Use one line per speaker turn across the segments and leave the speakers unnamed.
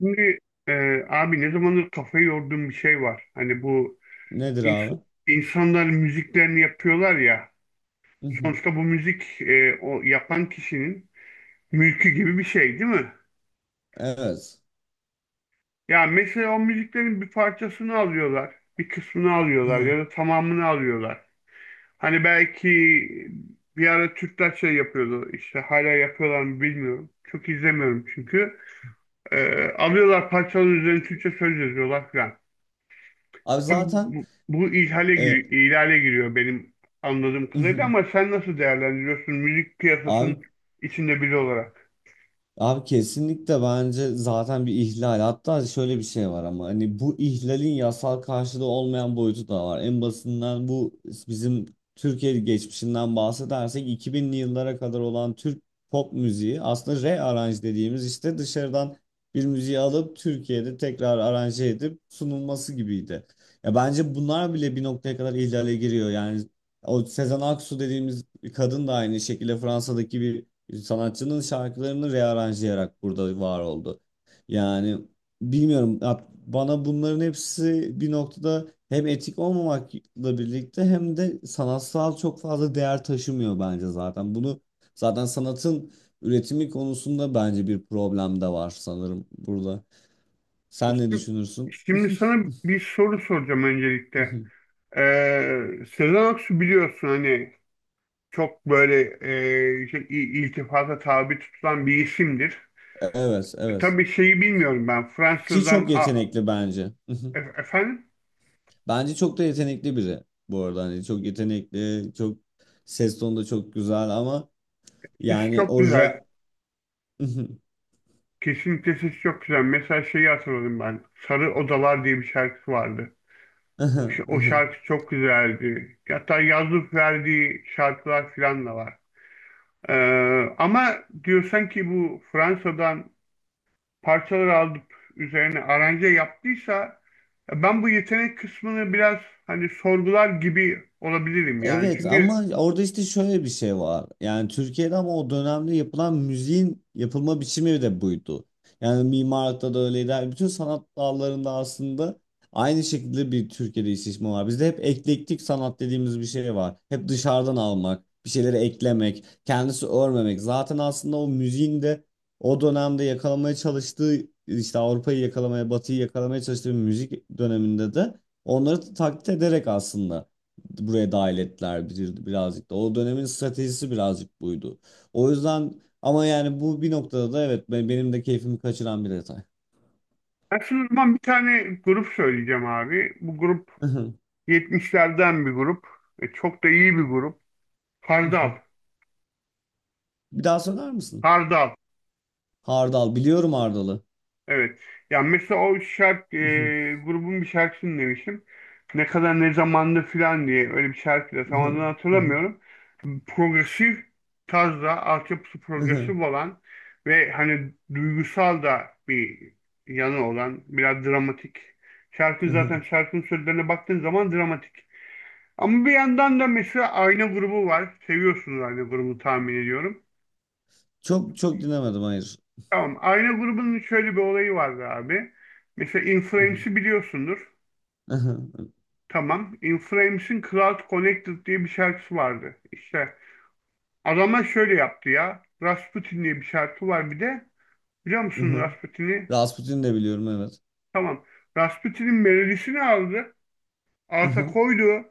Şimdi e, abi ne zamandır kafayı yorduğum bir şey var. Hani bu
Nedir
ins-
abi?
insanlar müziklerini yapıyorlar ya.
Mhm.
Sonuçta bu müzik o yapan kişinin mülkü gibi bir şey değil mi?
Evet.
Ya mesela o müziklerin bir parçasını alıyorlar. Bir kısmını alıyorlar ya
Mhm.
da tamamını alıyorlar. Hani belki bir ara Türkler şey yapıyordu. İşte hala yapıyorlar mı bilmiyorum. Çok izlemiyorum çünkü. Alıyorlar parçaların üzerine Türkçe söz yazıyorlar falan.
Abi zaten
Bu
e,
ihlale giriyor benim anladığım kadarıyla,
mhm.
ama sen nasıl değerlendiriyorsun müzik piyasasının
Abi,
içinde biri olarak?
abi kesinlikle bence zaten bir ihlal. Hatta şöyle bir şey var ama hani bu ihlalin yasal karşılığı olmayan boyutu da var. En basından bu bizim Türkiye geçmişinden bahsedersek 2000'li yıllara kadar olan Türk pop müziği aslında rearrange dediğimiz işte dışarıdan bir müziği alıp Türkiye'de tekrar aranje edip sunulması gibiydi. Ya bence bunlar bile bir noktaya kadar ihlale giriyor. Yani o Sezen Aksu dediğimiz kadın da aynı şekilde Fransa'daki bir sanatçının şarkılarını rearanjlayarak burada var oldu. Yani bilmiyorum ya bana bunların hepsi bir noktada hem etik olmamakla birlikte hem de sanatsal çok fazla değer taşımıyor bence zaten. Bunu zaten sanatın üretimi konusunda bence bir problem de var sanırım burada. Sen ne
Şimdi,
düşünürsün?
şimdi, sana bir soru soracağım öncelikle. Sezen Aksu biliyorsun, hani çok böyle iltifata tabi tutulan bir isimdir.
Evet, evet.
Tabii şeyi bilmiyorum ben
Ki
Fransızdan
çok yetenekli bence.
efendim,
Bence çok da yetenekli biri bu arada. Hani çok yetenekli, çok ses tonu da çok güzel ama
sesi
yani
çok
o
güzel.
rap
Kesinlikle sesi çok güzel. Mesela şeyi hatırladım ben. Sarı Odalar diye bir şarkısı vardı. O şarkı çok güzeldi. Hatta yazıp verdiği şarkılar falan da var. Ee, ama diyorsan ki bu Fransa'dan parçalar alıp üzerine aranje yaptıysa, ben bu yetenek kısmını biraz hani sorgular gibi olabilirim yani.
evet
Çünkü
ama orada işte şöyle bir şey var. Yani Türkiye'de ama o dönemde yapılan müziğin yapılma biçimi de buydu. Yani mimarlıkta da öyleydi. Yani bütün sanat dallarında aslında aynı şekilde bir Türkiye'de istismar var. Bizde hep eklektik sanat dediğimiz bir şey var. Hep dışarıdan almak, bir şeyleri eklemek, kendisi örmemek. Zaten aslında o müziğin de o dönemde yakalamaya çalıştığı işte Avrupa'yı yakalamaya, Batı'yı yakalamaya çalıştığı bir müzik döneminde de onları taklit ederek aslında buraya dahil ettiler bir, birazcık da. O dönemin stratejisi birazcık buydu. O yüzden ama yani bu bir noktada da evet benim de keyfimi kaçıran bir detay.
aslında o zaman bir tane grup söyleyeceğim abi. Bu grup 70'lerden bir grup. E, çok da iyi bir grup. Hardal.
Bir daha söyler misin?
Hardal.
Hardal biliyorum, Hardal'ı.
Evet. Ya mesela o şarkı grubun bir şarkısını demiştim. Ne kadar ne zamanda filan diye, öyle bir şarkı da tam adını hatırlamıyorum. Progresif tarzda, altyapısı progresif olan ve hani duygusal da bir yanı olan, biraz dramatik. Şarkı zaten, şarkının sözlerine baktığın zaman dramatik. Ama bir yandan da mesela Ayna grubu var. Seviyorsunuz Ayna grubunu tahmin ediyorum.
Çok çok dinlemedim, hayır.
Tamam. Ayna grubunun şöyle bir olayı vardı abi. Mesela Inflames'i biliyorsundur. Tamam. In Flames'in Cloud Connected diye bir şarkısı vardı. İşte adamlar şöyle yaptı ya. Rasputin diye bir şarkı var bir de. Biliyor musun Rasputin'i?
Rasputin de biliyorum, evet.
Tamam. Rasputin'in melodisini aldı. Alta koydu.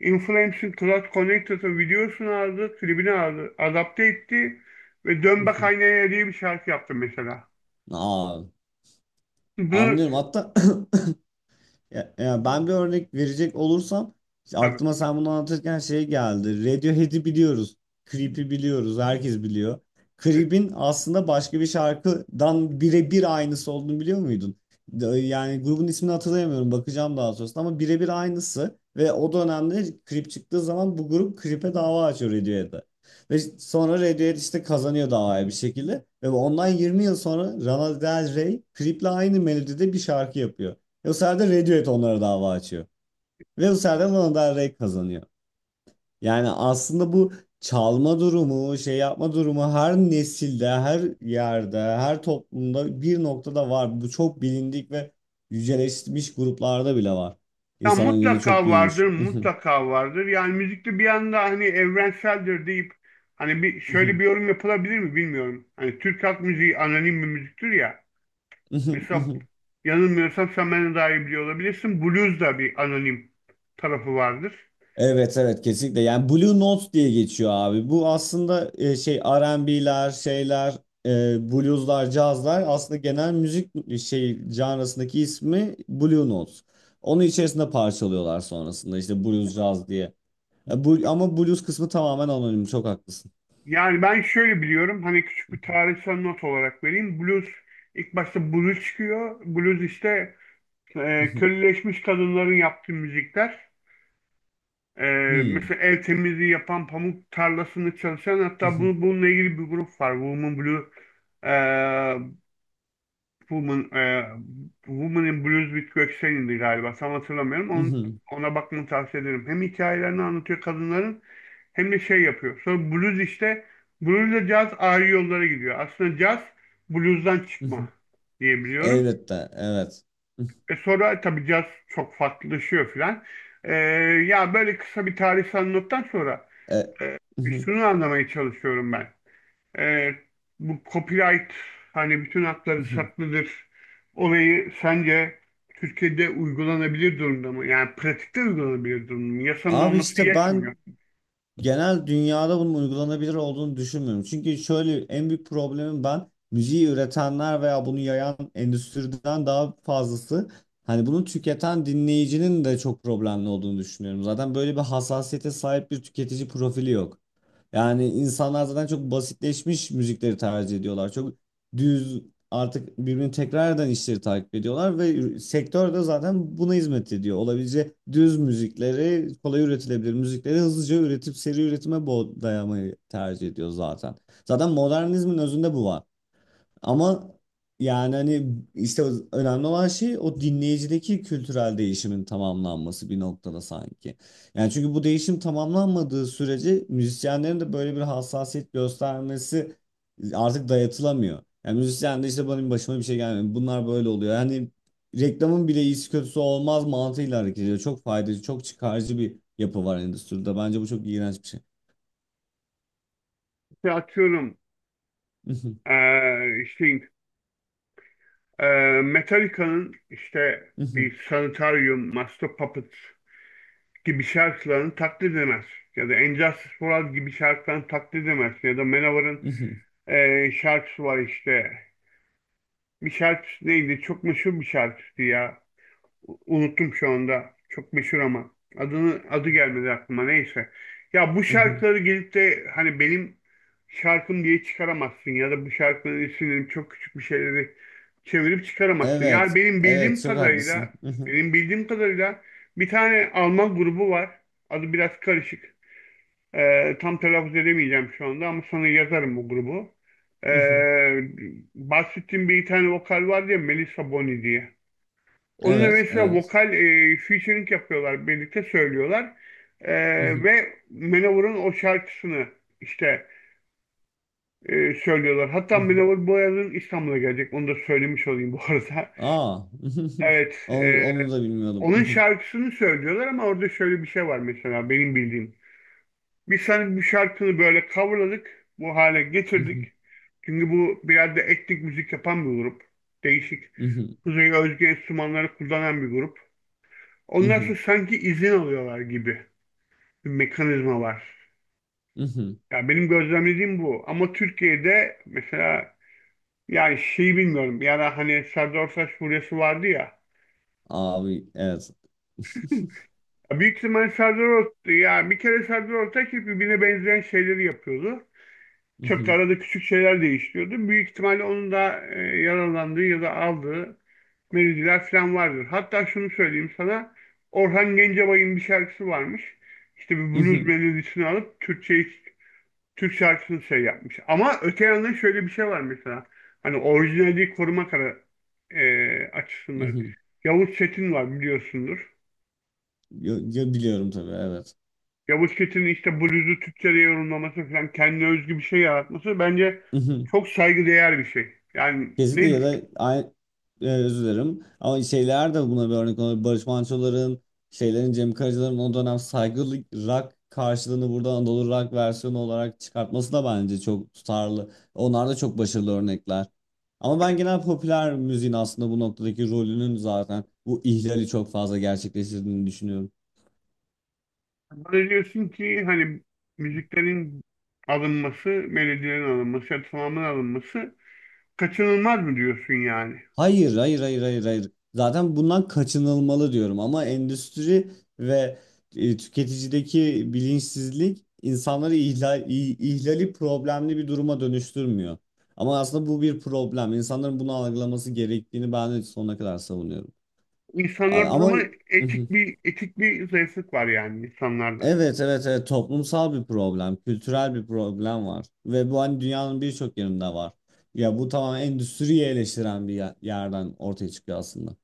In Flames'in Cloud Connected'ın videosunu aldı. Klibini aldı. Adapte etti. Ve Dön Bak Aynaya diye bir şarkı yaptı mesela.
Aa,
Bu
anlıyorum hatta ya, ya ben bir örnek verecek olursam işte
tabii.
aklıma sen bunu anlatırken şey geldi. Radiohead'i biliyoruz. Creep'i biliyoruz. Herkes biliyor. Creep'in aslında başka bir şarkıdan birebir aynısı olduğunu biliyor muydun? Yani grubun ismini hatırlayamıyorum. Bakacağım daha sonrasında ama birebir aynısı. Ve o dönemde Creep çıktığı zaman bu grup Creep'e dava açıyor Radiohead'e. Ve sonra Radiohead işte kazanıyor davayı bir şekilde. Ve ondan 20 yıl sonra Lana Del Rey Creep'le aynı melodide bir şarkı yapıyor. Bu sefer de Radiohead onlara dava açıyor. Ve bu sefer de Lana Del Rey kazanıyor. Yani aslında bu çalma durumu, şey yapma durumu her nesilde, her yerde, her toplumda bir noktada var. Bu çok bilindik ve yüceleşmiş gruplarda bile var.
Ya
İnsanların gözü çok
mutlaka
büyümüş.
vardır, mutlaka vardır. Yani müzikte bir anda hani evrenseldir deyip hani bir şöyle bir yorum yapılabilir mi bilmiyorum. Hani Türk halk müziği anonim bir müziktir ya. Mesela yanılmıyorsam sen benden daha iyi biliyor olabilirsin. Blues da bir anonim tarafı vardır.
Evet, evet, kesinlikle. Yani Blue Note diye geçiyor abi. Bu aslında şey R&B'ler, şeyler, blueslar, cazlar aslında genel müzik şey janrasındaki ismi Blue Note. Onun içerisinde parçalıyorlar sonrasında işte blues, caz diye. Bu, ama blues kısmı tamamen anonim. Çok haklısın.
Yani ben şöyle biliyorum. Hani küçük bir tarihsel not olarak vereyim. Blues, ilk başta blues çıkıyor. Blues işte köleleşmiş kadınların yaptığı müzikler. Ee,
Hmm.
mesela el temizliği yapan, pamuk tarlasını çalışan, hatta bu, bununla ilgili bir grup var. Ee, Woman, ee, Woman in Blues with Göksel'indi galiba. Tam hatırlamıyorum. Onun, ona bakmanı tavsiye ederim. Hem hikayelerini anlatıyor kadınların hem de şey yapıyor. Sonra blues işte, bluesla caz ayrı yollara gidiyor. Aslında caz bluesdan çıkma diyebiliyorum.
Elbette, evet.
E sonra tabii caz çok farklılaşıyor filan. Ee, ya böyle kısa bir tarihsel nottan sonra,
E,
e, şunu anlamaya çalışıyorum ben. E, bu copyright, hani bütün hakları saklıdır olayı, sence Türkiye'de uygulanabilir durumda mı? Yani pratikte uygulanabilir durumda mı? Yasanın
Abi
olması
işte ben
yetmiyor.
genel dünyada bunun uygulanabilir olduğunu düşünmüyorum. Çünkü şöyle en büyük problemim, ben müziği üretenler veya bunu yayan endüstriden daha fazlası hani bunu tüketen dinleyicinin de çok problemli olduğunu düşünüyorum. Zaten böyle bir hassasiyete sahip bir tüketici profili yok. Yani insanlar zaten çok basitleşmiş müzikleri tercih ediyorlar. Çok düz, artık birbirini tekrar eden işleri takip ediyorlar ve sektör de zaten buna hizmet ediyor. Olabileceği düz müzikleri, kolay üretilebilir müzikleri hızlıca üretip seri üretime dayamayı tercih ediyor zaten. Zaten modernizmin özünde bu var. Ama yani hani işte önemli olan şey o dinleyicideki kültürel değişimin tamamlanması bir noktada sanki. Yani çünkü bu değişim tamamlanmadığı sürece müzisyenlerin de böyle bir hassasiyet göstermesi artık dayatılamıyor. Yani müzisyen de işte benim başıma bir şey gelmiyor. Bunlar böyle oluyor. Yani reklamın bile iyisi kötüsü olmaz mantığıyla hareket ediyor. Çok faydacı, çok çıkarcı bir yapı var endüstride. Bence bu çok iğrenç bir şey.
İşte atıyorum, e, işte e, Metallica'nın işte bir Sanitarium, Master Puppet gibi şarkılarını taklit edemez. Ya da Injustice for All gibi şarkılarını taklit edemez. Ya da Manowar'ın şarkısı var işte. Bir şarkısı değildi. Çok meşhur bir şarkısı ya. Unuttum şu anda. Çok meşhur ama. Adını, adı gelmedi aklıma. Neyse. Ya bu şarkıları gelip de hani benim şarkım diye çıkaramazsın, ya da bu şarkının isimlerini çok küçük bir şeyleri çevirip çıkaramazsın. Yani
Evet,
benim
evet,
bildiğim
çok haklısın.
kadarıyla benim bildiğim kadarıyla bir tane Alman grubu var. Adı biraz karışık. Tam telaffuz edemeyeceğim şu anda, ama sana yazarım bu grubu.
Hı hı.
Ee, bahsettiğim bir tane vokal var ya, Melissa Boni diye. Onunla
Evet,
mesela
evet.
vokal featuring yapıyorlar, birlikte söylüyorlar.
Hı hı,
Ve Manowar'ın o şarkısını işte söylüyorlar.
hı
Hatta
hı.
Manowar bu yazın İstanbul'a gelecek. Onu da söylemiş olayım bu arada.
Aa.
Evet,
Onu, onu da bilmiyordum. Hı
onun
hı,
şarkısını söylüyorlar, ama orada şöyle bir şey var mesela benim bildiğim. Biz senin bir şarkını böyle coverladık. Bu hale
hı
getirdik.
hı,
Çünkü bu biraz da etnik müzik yapan bir grup. Değişik. Kuzey özgü enstrümanları kullanan bir grup.
hı
Onlar
hı,
sanki izin alıyorlar gibi bir mekanizma var.
hı hı.
Ya benim gözlemlediğim bu. Ama Türkiye'de mesela, yani şeyi bilmiyorum. Ya da hani Serdar Ortaç furyası vardı ya.
Abi, evet.
Ya büyük ihtimal Serdar Ortaç, ya bir kere Serdar Ortaç hep birbirine benzeyen şeyleri yapıyordu.
Hı
Çok da
hı,
arada küçük şeyler değiştiriyordu. Büyük ihtimalle onun da yaralandığı ya da aldığı melodiler falan vardır. Hatta şunu söyleyeyim sana. Orhan Gencebay'ın bir şarkısı varmış. İşte bir
hı hı,
blues melodisini alıp Türkçe Türk şarkısını şey yapmış. Ama öte yandan şöyle bir şey var mesela. Hani orijinali koruma kara,
hı
açısından.
hı.
Yavuz Çetin var, biliyorsundur.
Biliyorum tabii, evet.
Yavuz Çetin'in işte bluzu Türkçe'de yorumlaması falan, kendine özgü bir şey yaratması bence çok saygıdeğer bir şey. Yani
Kesinlikle
ne
ya da aynı, özür dilerim. Ama şeyler de buna bir örnek olabilir. Barış Manço'ların, şeylerin, Cem Karaca'ların o dönem saygılı rock karşılığını burada Anadolu rock versiyonu olarak çıkartması da bence çok tutarlı. Onlar da çok başarılı örnekler. Ama ben genel popüler müziğin aslında bu noktadaki rolünün zaten bu ihlali çok fazla gerçekleştirdiğini düşünüyorum.
böyle diyorsun ki, hani müziklerin alınması, melodilerin alınması, ya da tamamen alınması kaçınılmaz mı diyorsun yani?
Hayır, hayır, hayır, hayır, hayır. Zaten bundan kaçınılmalı diyorum ama endüstri ve tüketicideki bilinçsizlik insanları ihlali problemli bir duruma dönüştürmüyor. Ama aslında bu bir problem. İnsanların bunu algılaması gerektiğini ben de sonuna kadar savunuyorum.
İnsanlarda o
Ama
zaman etik bir zayıflık var yani insanlarda.
evet, evet, evet, toplumsal bir problem, kültürel bir problem var ve bu hani dünyanın birçok yerinde var. Ya bu tamamen endüstriyi eleştiren bir yerden ortaya çıkıyor aslında.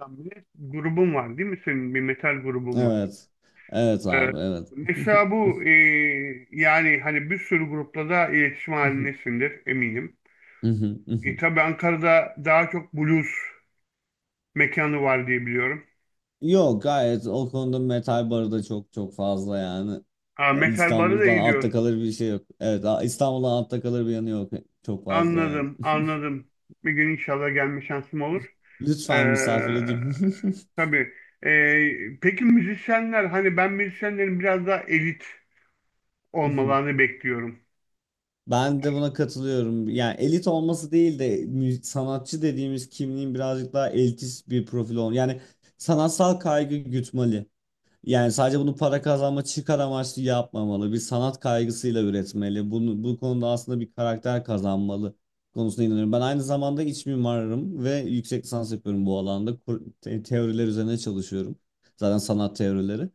Yani bir de grubun var değil mi? Senin bir metal grubun var.
Evet. Evet
Ee,
abi, evet.
Mesela bu yani hani bir sürü grupla da iletişim halindesindir eminim. Tabii Ankara'da daha çok blues mekanı var diye biliyorum.
Yok, gayet o konuda metal barı da çok çok fazla yani.
Ha, metal barı da
İstanbul'dan
iyi
altta
diyor.
kalır bir şey yok. Evet, İstanbul'dan altta kalır bir yanı yok. Çok fazla yani.
Anladım, anladım. Bir gün inşallah gelme şansım olur. Ee,
Lütfen misafir edeyim.
tabii. Peki müzisyenler, hani ben müzisyenlerin biraz daha elit olmalarını bekliyorum.
Ben de buna katılıyorum. Yani elit olması değil de sanatçı dediğimiz kimliğin birazcık daha elitist bir profil olması. Yani sanatsal kaygı gütmeli. Yani sadece bunu para kazanma çıkar amaçlı yapmamalı. Bir sanat kaygısıyla üretmeli. Bunu, bu konuda aslında bir karakter kazanmalı konusuna inanıyorum. Ben aynı zamanda iç mimarım ve yüksek lisans yapıyorum bu alanda. Teoriler üzerine çalışıyorum. Zaten sanat teorileri.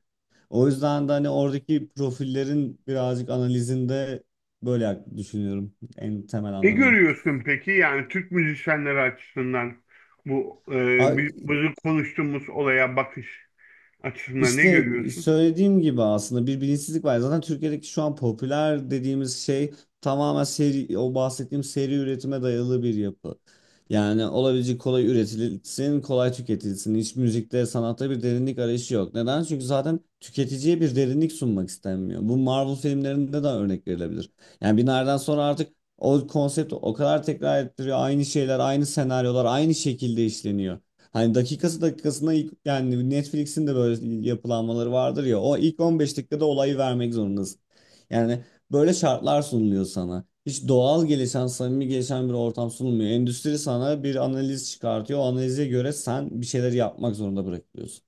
O yüzden de hani oradaki profillerin birazcık analizinde böyle düşünüyorum en temel
Ne
anlamıyla.
görüyorsun peki, yani Türk müzisyenleri açısından bu
Abi,
bizim konuştuğumuz olaya bakış açısından ne
İşte
görüyorsun?
söylediğim gibi aslında bir bilinçsizlik var. Zaten Türkiye'deki şu an popüler dediğimiz şey tamamen seri, o bahsettiğim seri üretime dayalı bir yapı. Yani olabilecek kolay üretilsin, kolay tüketilsin. Hiç müzikte, sanatta bir derinlik arayışı yok. Neden? Çünkü zaten tüketiciye bir derinlik sunmak istenmiyor. Bu Marvel filmlerinde de örnek verilebilir. Yani bir nereden sonra artık o konsept o kadar tekrar ettiriyor. Aynı şeyler, aynı senaryolar, aynı şekilde işleniyor. Hani dakikası dakikasına ilk, yani Netflix'in de böyle yapılanmaları vardır ya, o ilk 15 dakikada olayı vermek zorundasın. Yani böyle şartlar sunuluyor sana. Hiç doğal gelişen, samimi gelişen bir ortam sunulmuyor. Endüstri sana bir analiz çıkartıyor. O analize göre sen bir şeyler yapmak zorunda bırakılıyorsun.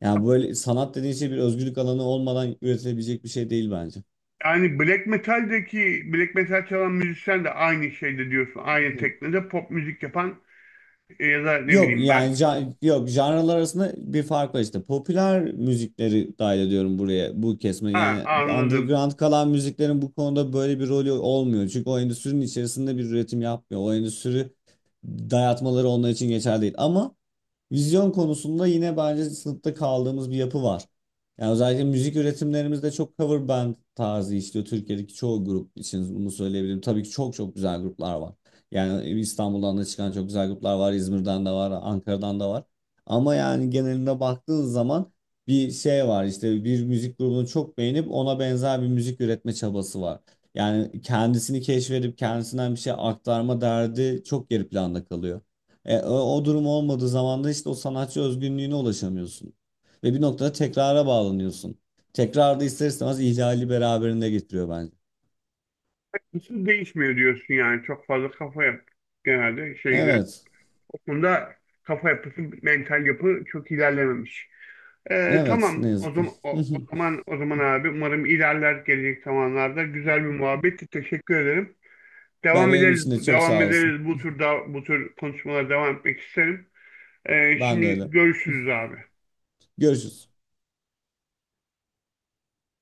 Yani böyle sanat dediğin şey bir özgürlük alanı olmadan üretilebilecek bir şey değil bence.
Yani black metal'deki, black metal çalan müzisyen de aynı şeyde diyorsun. Aynı teknede pop müzik yapan ya da ne
Yok
bileyim ben.
yani yok, janralar arasında bir fark var işte. Popüler müzikleri dahil ediyorum buraya, bu kesme.
Ha,
Yani
anladım.
underground kalan müziklerin bu konuda böyle bir rolü olmuyor. Çünkü o endüstrinin içerisinde bir üretim yapmıyor. O endüstri dayatmaları onlar için geçerli değil. Ama vizyon konusunda yine bence sınıfta kaldığımız bir yapı var. Yani özellikle müzik üretimlerimizde çok cover band tarzı işliyor. Türkiye'deki çoğu grup için bunu söyleyebilirim. Tabii ki çok çok güzel gruplar var. Yani İstanbul'dan da çıkan çok güzel gruplar var. İzmir'den de var, Ankara'dan da var. Ama yani geneline baktığın zaman bir şey var. İşte bir müzik grubunu çok beğenip ona benzer bir müzik üretme çabası var. Yani kendisini keşfedip kendisinden bir şey aktarma derdi çok geri planda kalıyor. O durum olmadığı zaman da işte o sanatçı özgünlüğüne ulaşamıyorsun. Ve bir noktada tekrara bağlanıyorsun. Tekrar da ister istemez ihlali beraberinde getiriyor bence.
Hiçbir değişmiyor diyorsun yani. Çok fazla kafa yap. Genelde şeyden.
Evet.
O konuda kafa yapısı, mental yapı çok ilerlememiş.
Evet, ne
Tamam. O
yazık ki.
zaman o, o zaman o zaman abi, umarım ilerler gelecek zamanlarda. Güzel bir muhabbetti. Teşekkür ederim.
Ben,
Devam
benim
ederiz.
için de çok
Devam
sağ olasın.
ederiz. Bu tür konuşmalara devam etmek isterim.
Ben de
Şimdi
öyle.
görüşürüz abi.
Görüşürüz.